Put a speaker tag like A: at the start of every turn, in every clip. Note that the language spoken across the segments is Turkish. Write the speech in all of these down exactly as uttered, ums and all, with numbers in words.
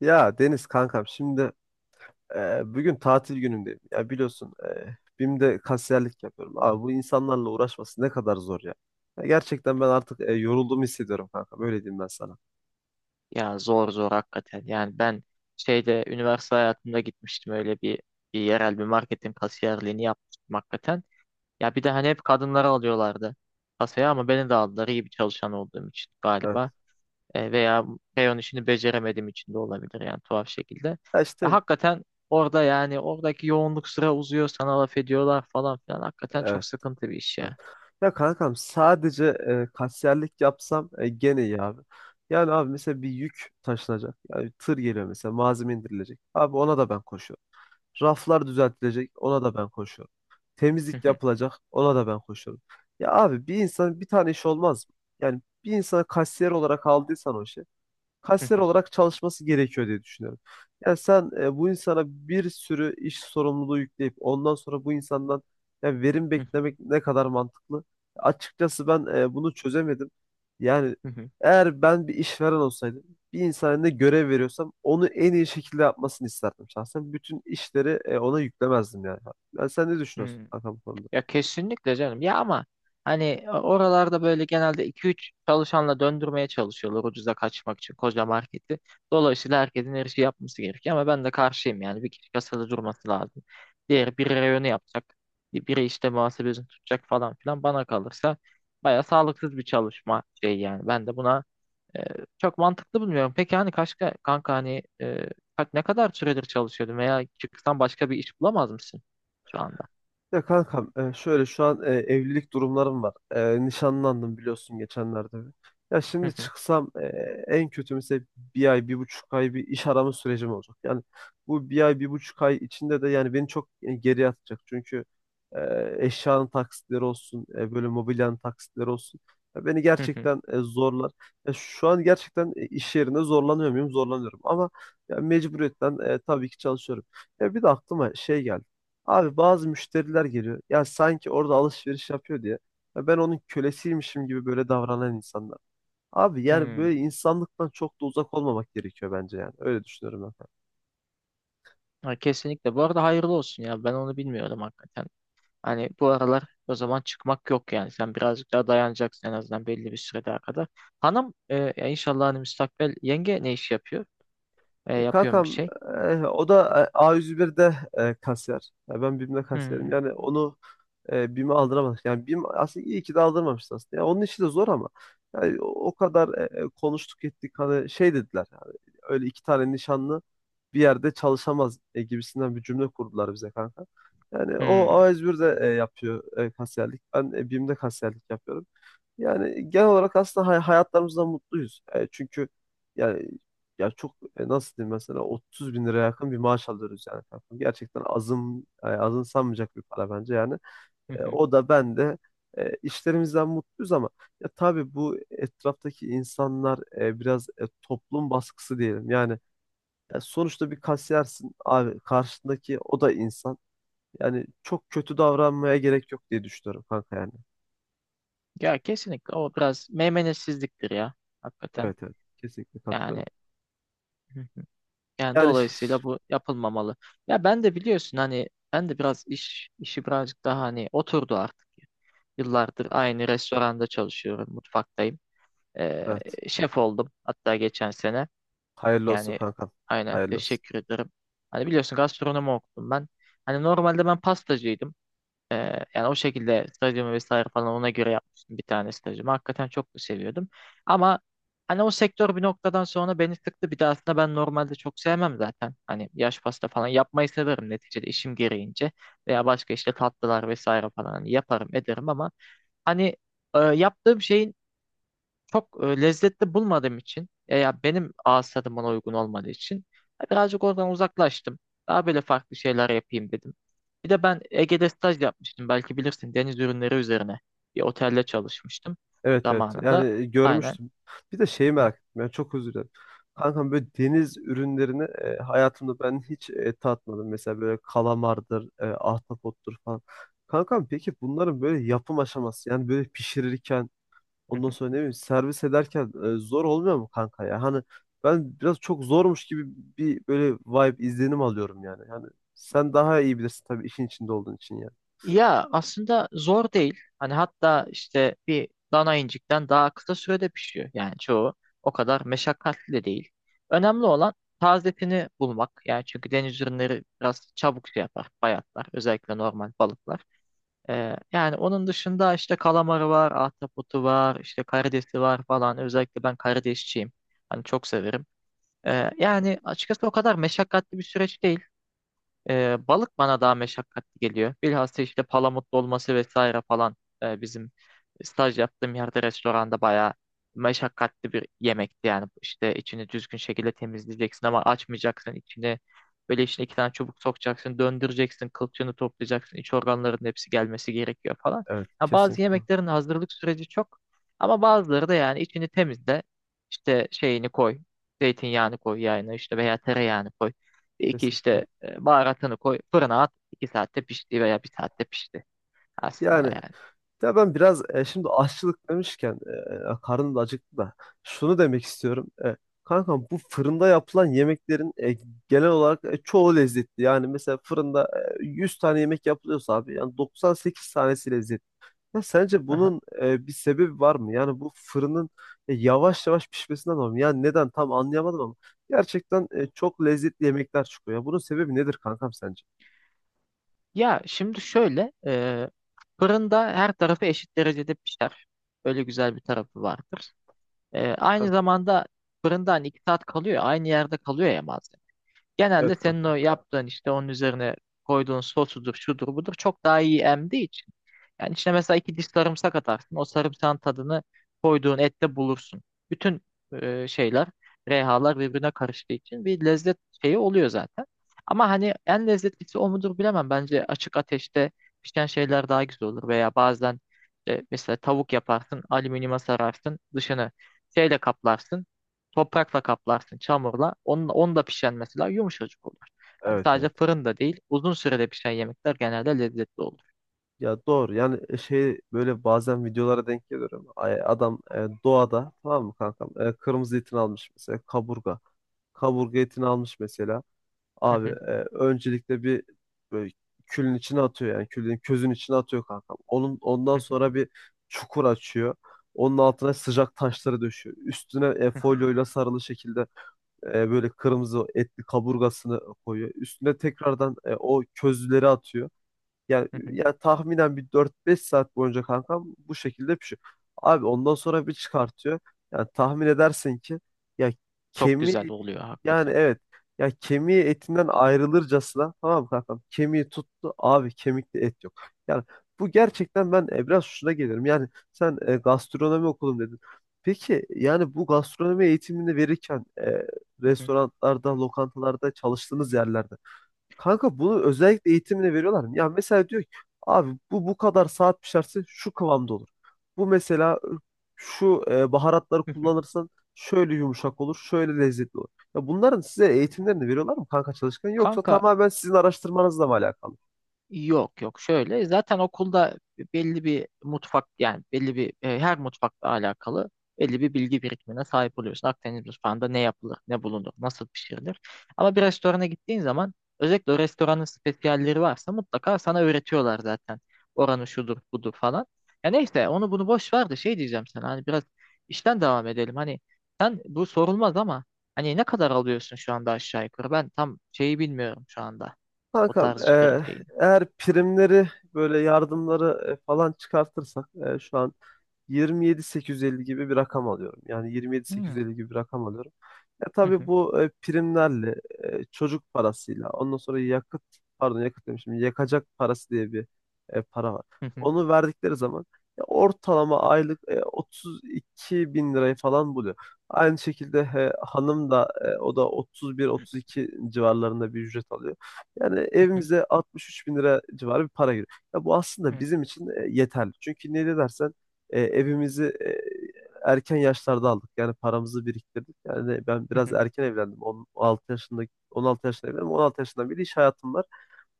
A: Ya Deniz kankam şimdi e, bugün tatil günümdeyim. Ya biliyorsun e, BİM'de kasiyerlik yapıyorum. Abi bu insanlarla uğraşması ne kadar zor ya. Ya gerçekten ben artık e, yorulduğumu hissediyorum kankam. Öyle diyeyim ben sana.
B: Ya zor zor hakikaten. Yani ben şeyde üniversite hayatımda gitmiştim öyle bir, bir yerel bir marketin kasiyerliğini yapmıştım hakikaten. Ya bir de hani hep kadınları alıyorlardı kasaya ama beni de aldılar iyi bir çalışan olduğum için
A: Evet.
B: galiba. E, veya reyon işini beceremediğim için de olabilir yani tuhaf şekilde.
A: Ya
B: Ya
A: işte
B: hakikaten orada yani oradaki yoğunluk, sıra uzuyor, sana laf ediyorlar falan filan. Hakikaten çok
A: evet.
B: sıkıntı bir iş
A: Evet.
B: ya.
A: Ya kankam sadece e, kasiyerlik yapsam e, gene iyi abi. Yani abi mesela bir yük taşınacak. Yani tır geliyor mesela malzeme indirilecek. Abi ona da ben koşuyorum. Raflar düzeltilecek, ona da ben koşuyorum. Temizlik yapılacak, ona da ben koşuyorum. Ya abi bir insan bir tane iş olmaz mı? Yani bir insana kasiyer olarak aldıysan o işi kasiyer olarak çalışması gerekiyor diye düşünüyorum. Yani sen e, bu insana bir sürü iş sorumluluğu yükleyip ondan sonra bu insandan yani verim beklemek ne kadar mantıklı? Açıkçası ben e, bunu çözemedim. Yani eğer ben bir işveren olsaydım, bir insana ne görev veriyorsam onu en iyi şekilde yapmasını isterdim şahsen. Bütün işleri e, ona yüklemezdim yani. Yani sen ne düşünüyorsun kankam bu konuda?
B: Ya kesinlikle canım. Ya ama hani e, oralarda böyle genelde iki üç çalışanla döndürmeye çalışıyorlar ucuza kaçmak için koca marketi. Dolayısıyla herkesin her şeyi yapması gerekiyor ama ben de karşıyım yani. Bir kişi kasada durması lazım. Diğeri biri reyonu yapacak. Biri işte muhasebesini tutacak falan filan. Bana kalırsa baya sağlıksız bir çalışma şey yani. Ben de buna e, çok mantıklı bulmuyorum. Peki hani kaç kanka, hani e, kaç- ne kadar süredir çalışıyordun veya çıksan başka bir iş bulamaz mısın şu anda?
A: Ya kankam e, şöyle şu an e, evlilik durumlarım var. E, Nişanlandım biliyorsun geçenlerde. Ya şimdi çıksam e, en kötü mesela bir ay, bir buçuk ay bir iş arama sürecim olacak. Yani bu bir ay, bir buçuk ay içinde de yani beni çok e, geriye atacak. Çünkü e, eşyanın taksitleri olsun, e, böyle mobilyanın taksitleri olsun. Ya beni gerçekten e, zorlar. Ya şu an gerçekten e, iş yerinde zorlanıyor muyum? Zorlanıyorum ama ya mecburiyetten e, tabii ki çalışıyorum. Ya bir de aklıma şey geldi. Abi bazı müşteriler geliyor. Ya sanki orada alışveriş yapıyor diye. Ya ben onun kölesiymişim gibi böyle davranan insanlar. Abi yani
B: Hmm.
A: böyle insanlıktan çok da uzak olmamak gerekiyor bence yani. Öyle düşünüyorum ben.
B: Ha, kesinlikle. Bu arada hayırlı olsun ya. Ben onu bilmiyorum hakikaten. Hani bu aralar o zaman çıkmak yok yani. Sen birazcık daha dayanacaksın en azından belli bir süre daha kadar. Hanım e, ya inşallah hani müstakbel yenge ne iş yapıyor? E,
A: E,
B: yapıyorum bir
A: Kankam
B: şey.
A: e, o da e, A yüz birde e, kasiyer. Ya ben BİM'de kasiyerim.
B: Hmm.
A: Yani onu e, BİM'e aldıramadık. Yani BİM aslında iyi ki de aldırmamıştı aslında. Ya onun işi de zor ama yani o, o kadar e, e, konuştuk ettik hani şey dediler. Yani, öyle iki tane nişanlı bir yerde çalışamaz e, gibisinden bir cümle kurdular bize kanka. Yani o
B: Hmm.
A: A yüz birde e, yapıyor e, kasiyerlik. Ben e, BİM'de kasiyerlik yapıyorum. Yani genel olarak aslında hay- hayatlarımızdan mutluyuz. E, çünkü yani ya çok e, nasıl diyeyim mesela otuz bin liraya yakın bir maaş alıyoruz yani kankam. Gerçekten azın e, azımsanmayacak bir para bence yani.
B: Hı
A: E,
B: hı.
A: o da ben de e, işlerimizden mutluyuz ama ya tabii bu etraftaki insanlar e, biraz e, toplum baskısı diyelim. Yani ya sonuçta bir kasiyersin abi karşındaki o da insan. Yani çok kötü davranmaya gerek yok diye düşünüyorum kanka yani.
B: Ya kesinlikle o biraz meymenetsizliktir ya. Hakikaten.
A: Evet, evet, kesinlikle
B: Yani,
A: katılıyorum.
B: hı hı, yani
A: Yani ş-
B: dolayısıyla bu yapılmamalı. Ya ben de biliyorsun hani, ben de biraz iş işi birazcık daha hani oturdu artık. Yıllardır aynı restoranda çalışıyorum, mutfaktayım. Ee,
A: Evet.
B: Şef oldum hatta geçen sene.
A: Hayırlı olsun
B: Yani
A: kankam.
B: aynen,
A: Hayırlı olsun.
B: teşekkür ederim. Hani biliyorsun gastronomi okudum ben. Hani normalde ben pastacıydım. Ee, yani o şekilde stajımı vesaire falan ona göre yapmıştım bir tane stajımı. Hakikaten çok da seviyordum. Ama hani o sektör bir noktadan sonra beni sıktı. Bir de aslında ben normalde çok sevmem zaten. Hani yaş pasta falan yapmayı severim neticede işim gereğince. Veya başka işte tatlılar vesaire falan hani yaparım ederim ama hani e, yaptığım şeyin çok e, lezzetli bulmadığım için, e, ya benim ağız tadıma uygun olmadığı için e, birazcık oradan uzaklaştım. Daha böyle farklı şeyler yapayım dedim. Bir de ben Ege'de staj yapmıştım. Belki bilirsin, deniz ürünleri üzerine bir otelde çalışmıştım
A: Evet, evet. Yani
B: zamanında.
A: e,
B: Aynen.
A: görmüştüm. Bir de şeyi merak ettim. Yani çok özür dilerim. Kankam böyle deniz ürünlerini e, hayatımda ben hiç e, tatmadım. Mesela böyle kalamardır, e, ahtapottur falan. Kankam peki bunların böyle yapım aşaması yani böyle pişirirken ondan sonra ne bileyim servis ederken e, zor olmuyor mu kanka ya? Hani ben biraz çok zormuş gibi bir böyle vibe izlenim alıyorum yani. Yani sen daha iyi bilirsin tabii işin içinde olduğun için yani.
B: Ya aslında zor değil. Hani hatta işte bir dana incikten daha kısa sürede pişiyor. Yani çoğu o kadar meşakkatli de değil. Önemli olan tazetini bulmak. Yani çünkü deniz ürünleri biraz çabuk şey yapar, bayatlar. Özellikle normal balıklar. Ee, yani onun dışında işte kalamarı var, ahtapotu var, işte karidesi var falan. Özellikle ben karidesçiyim. Hani çok severim. Ee, yani açıkçası o kadar meşakkatli bir süreç değil. Ee, balık bana daha meşakkatli geliyor. Bilhassa işte palamutlu olması vesaire falan, e, bizim staj yaptığım yerde restoranda bayağı meşakkatli bir yemekti. Yani işte içini düzgün şekilde temizleyeceksin ama açmayacaksın içini. Böyle içine iki tane çubuk sokacaksın, döndüreceksin, kılçığını toplayacaksın, iç organların hepsi gelmesi gerekiyor falan.
A: Evet,
B: Ya bazı
A: kesinlikle.
B: yemeklerin hazırlık süreci çok, ama bazıları da yani içini temizle, işte şeyini koy, zeytinyağını koy yağını işte veya tereyağını koy. İki
A: Kesinlikle.
B: işte e, baharatını koy, fırına at. İki saatte pişti veya bir saatte pişti aslında
A: Yani
B: yani.
A: ya ben biraz e, şimdi aşçılık demişken e, e, karnım da acıktı da şunu demek istiyorum. E, kankam bu fırında yapılan yemeklerin e, genel olarak e, çoğu lezzetli. Yani mesela fırında e, yüz tane yemek yapılıyorsa abi yani doksan sekiz tanesi lezzetli. Ya sence
B: Aha.
A: bunun e, bir sebebi var mı? Yani bu fırının e, yavaş yavaş pişmesinden dolayı mı? Yani neden tam anlayamadım ama gerçekten e, çok lezzetli yemekler çıkıyor. Ya bunun sebebi nedir kankam sence?
B: Ya şimdi şöyle, e, fırında her tarafı eşit derecede pişer. Öyle güzel bir tarafı vardır. E, aynı
A: Evet,
B: zamanda fırında hani iki saat kalıyor, aynı yerde kalıyor ya malzeme.
A: evet
B: Genelde senin
A: kankam.
B: o yaptığın işte, onun üzerine koyduğun sosudur, şudur, budur, çok daha iyi emdiği için. Yani içine mesela iki diş sarımsak atarsın. O sarımsağın tadını koyduğun ette bulursun. Bütün e, şeyler, rehalar birbirine karıştığı için bir lezzet şeyi oluyor zaten. Ama hani en lezzetlisi o mudur bilemem. Bence açık ateşte pişen şeyler daha güzel olur. Veya bazen e, mesela tavuk yaparsın, alüminyuma sararsın, dışını şeyle kaplarsın. Toprakla kaplarsın, çamurla. Onun, onu da pişen mesela yumuşacık olur. Yani
A: Evet, evet.
B: sadece fırında değil, uzun sürede pişen yemekler genelde lezzetli olur.
A: Ya doğru yani e, şey böyle bazen videolara denk geliyorum. Ay- Adam e, doğada tamam mı kankam? E, kırmızı etini almış mesela kaburga. Kaburga etini almış mesela.
B: Hı
A: Abi
B: hı,
A: e, öncelikle bir böyle külün içine atıyor yani külün közün içine atıyor kankam. Onun ondan
B: hı hı,
A: sonra bir çukur açıyor. Onun altına sıcak taşları döşüyor. Üstüne e,
B: hı hı,
A: folyoyla sarılı şekilde e, böyle kırmızı etli kaburgasını koyuyor. Üstüne tekrardan e, o közleri atıyor. Yani
B: hı hı.
A: ya tahminen bir dört beş saat boyunca kankam bu şekilde pişiyor. Abi ondan sonra bir çıkartıyor. Yani tahmin edersin ki, ya
B: Çok güzel
A: kemiği,
B: oluyor
A: yani
B: hakikaten.
A: evet, ya kemiği etinden ayrılırcasına, tamam mı kankam? Kemiği tuttu abi, kemikte et yok. Yani bu gerçekten ben e, biraz şuna gelirim. Yani sen e, gastronomi okudum dedin. Peki yani bu gastronomi eğitimini verirken e,
B: Hı hı,
A: restoranlarda, lokantalarda çalıştığınız yerlerde kanka bunu özellikle eğitimine veriyorlar mı? Ya mesela diyor ki abi bu bu kadar saat pişerse şu kıvamda olur. Bu mesela şu e, baharatları
B: hı hı.
A: kullanırsan şöyle yumuşak olur, şöyle lezzetli olur. Ya bunların size eğitimlerini veriyorlar mı kanka çalışkan yoksa
B: Kanka,
A: tamamen sizin araştırmanızla mı alakalı?
B: yok yok, şöyle zaten okulda belli bir mutfak, yani belli bir e, her mutfakla alakalı belli bir bilgi birikimine sahip oluyorsun. Akdeniz mutfağında ne yapılır, ne bulunur, nasıl pişirilir. Ama bir restorana gittiğin zaman özellikle o restoranın spesiyalleri varsa mutlaka sana öğretiyorlar zaten. Oranı şudur budur falan. Ya neyse, onu bunu boş ver de şey diyeceğim sana, hani biraz işten devam edelim. Hani sen, bu sorulmaz ama hani ne kadar alıyorsun şu anda aşağı yukarı, ben tam şeyi bilmiyorum şu anda o
A: Kankam,
B: tarz işlerin
A: e,
B: şeyini.
A: eğer primleri böyle yardımları e, falan çıkartırsak e, şu an yirmi yedi bin sekiz yüz elli gibi bir rakam alıyorum. Yani
B: Hmm.
A: yirmi yedi bin sekiz yüz elli gibi bir rakam alıyorum. E,
B: Hı
A: tabii
B: hı,
A: bu e, primlerle, e, çocuk parasıyla, ondan sonra yakıt, pardon yakıt demişim, yakacak parası diye bir e, para var.
B: hı hı,
A: Onu verdikleri zaman e, ortalama aylık e, otuz iki bin lirayı falan buluyor. Aynı şekilde e, hanım da e, o da otuz bir otuz iki civarlarında bir ücret alıyor. Yani
B: hı hı,
A: evimize altmış üç bin lira civarı bir para giriyor. Ya bu aslında
B: hı
A: bizim için e, yeterli. Çünkü niye dersen e, evimizi e, erken yaşlarda aldık. Yani paramızı biriktirdik. Yani ben biraz
B: hı.
A: erken evlendim. on altı yaşında on altı yaşında evlendim. on altı yaşından beri iş hayatım var.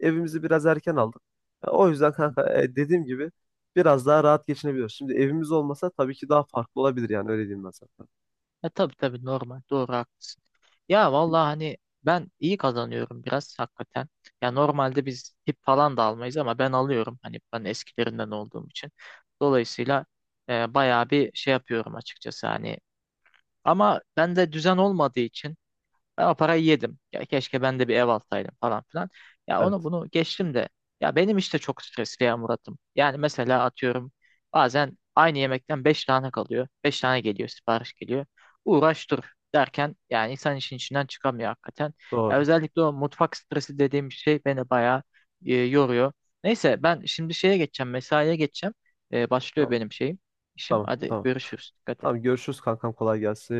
A: Evimizi biraz erken aldık. Ya o yüzden kanka e, dediğim gibi biraz daha rahat geçinebiliyoruz. Şimdi evimiz olmasa tabii ki daha farklı olabilir yani öyle diyeyim ben sana.
B: E tabii tabii, normal. Doğru, haklısın. Ya vallahi hani ben iyi kazanıyorum biraz hakikaten. Ya normalde biz tip falan da almayız ama ben alıyorum hani, ben eskilerinden olduğum için. Dolayısıyla e, bayağı bir şey yapıyorum açıkçası hani. Ama bende düzen olmadığı için ben o parayı yedim. Ya keşke ben de bir ev alsaydım falan filan. Ya onu
A: Evet.
B: bunu geçtim de. Ya benim işte çok stresli ya Murat'ım. Yani mesela atıyorum bazen aynı yemekten beş tane kalıyor. Beş tane geliyor, sipariş geliyor. Uğraş dur derken yani insan işin içinden çıkamıyor hakikaten. Ya
A: Doğru.
B: özellikle o mutfak stresi dediğim şey beni bayağı e, yoruyor. Neyse ben şimdi şeye geçeceğim, mesaiye geçeceğim. E, başlıyor
A: Tamam.
B: benim şeyim, işim.
A: Tamam.
B: Hadi
A: Tamam.
B: görüşürüz. Dikkat
A: Tamam.
B: et.
A: Görüşürüz kankam. Kolay gelsin.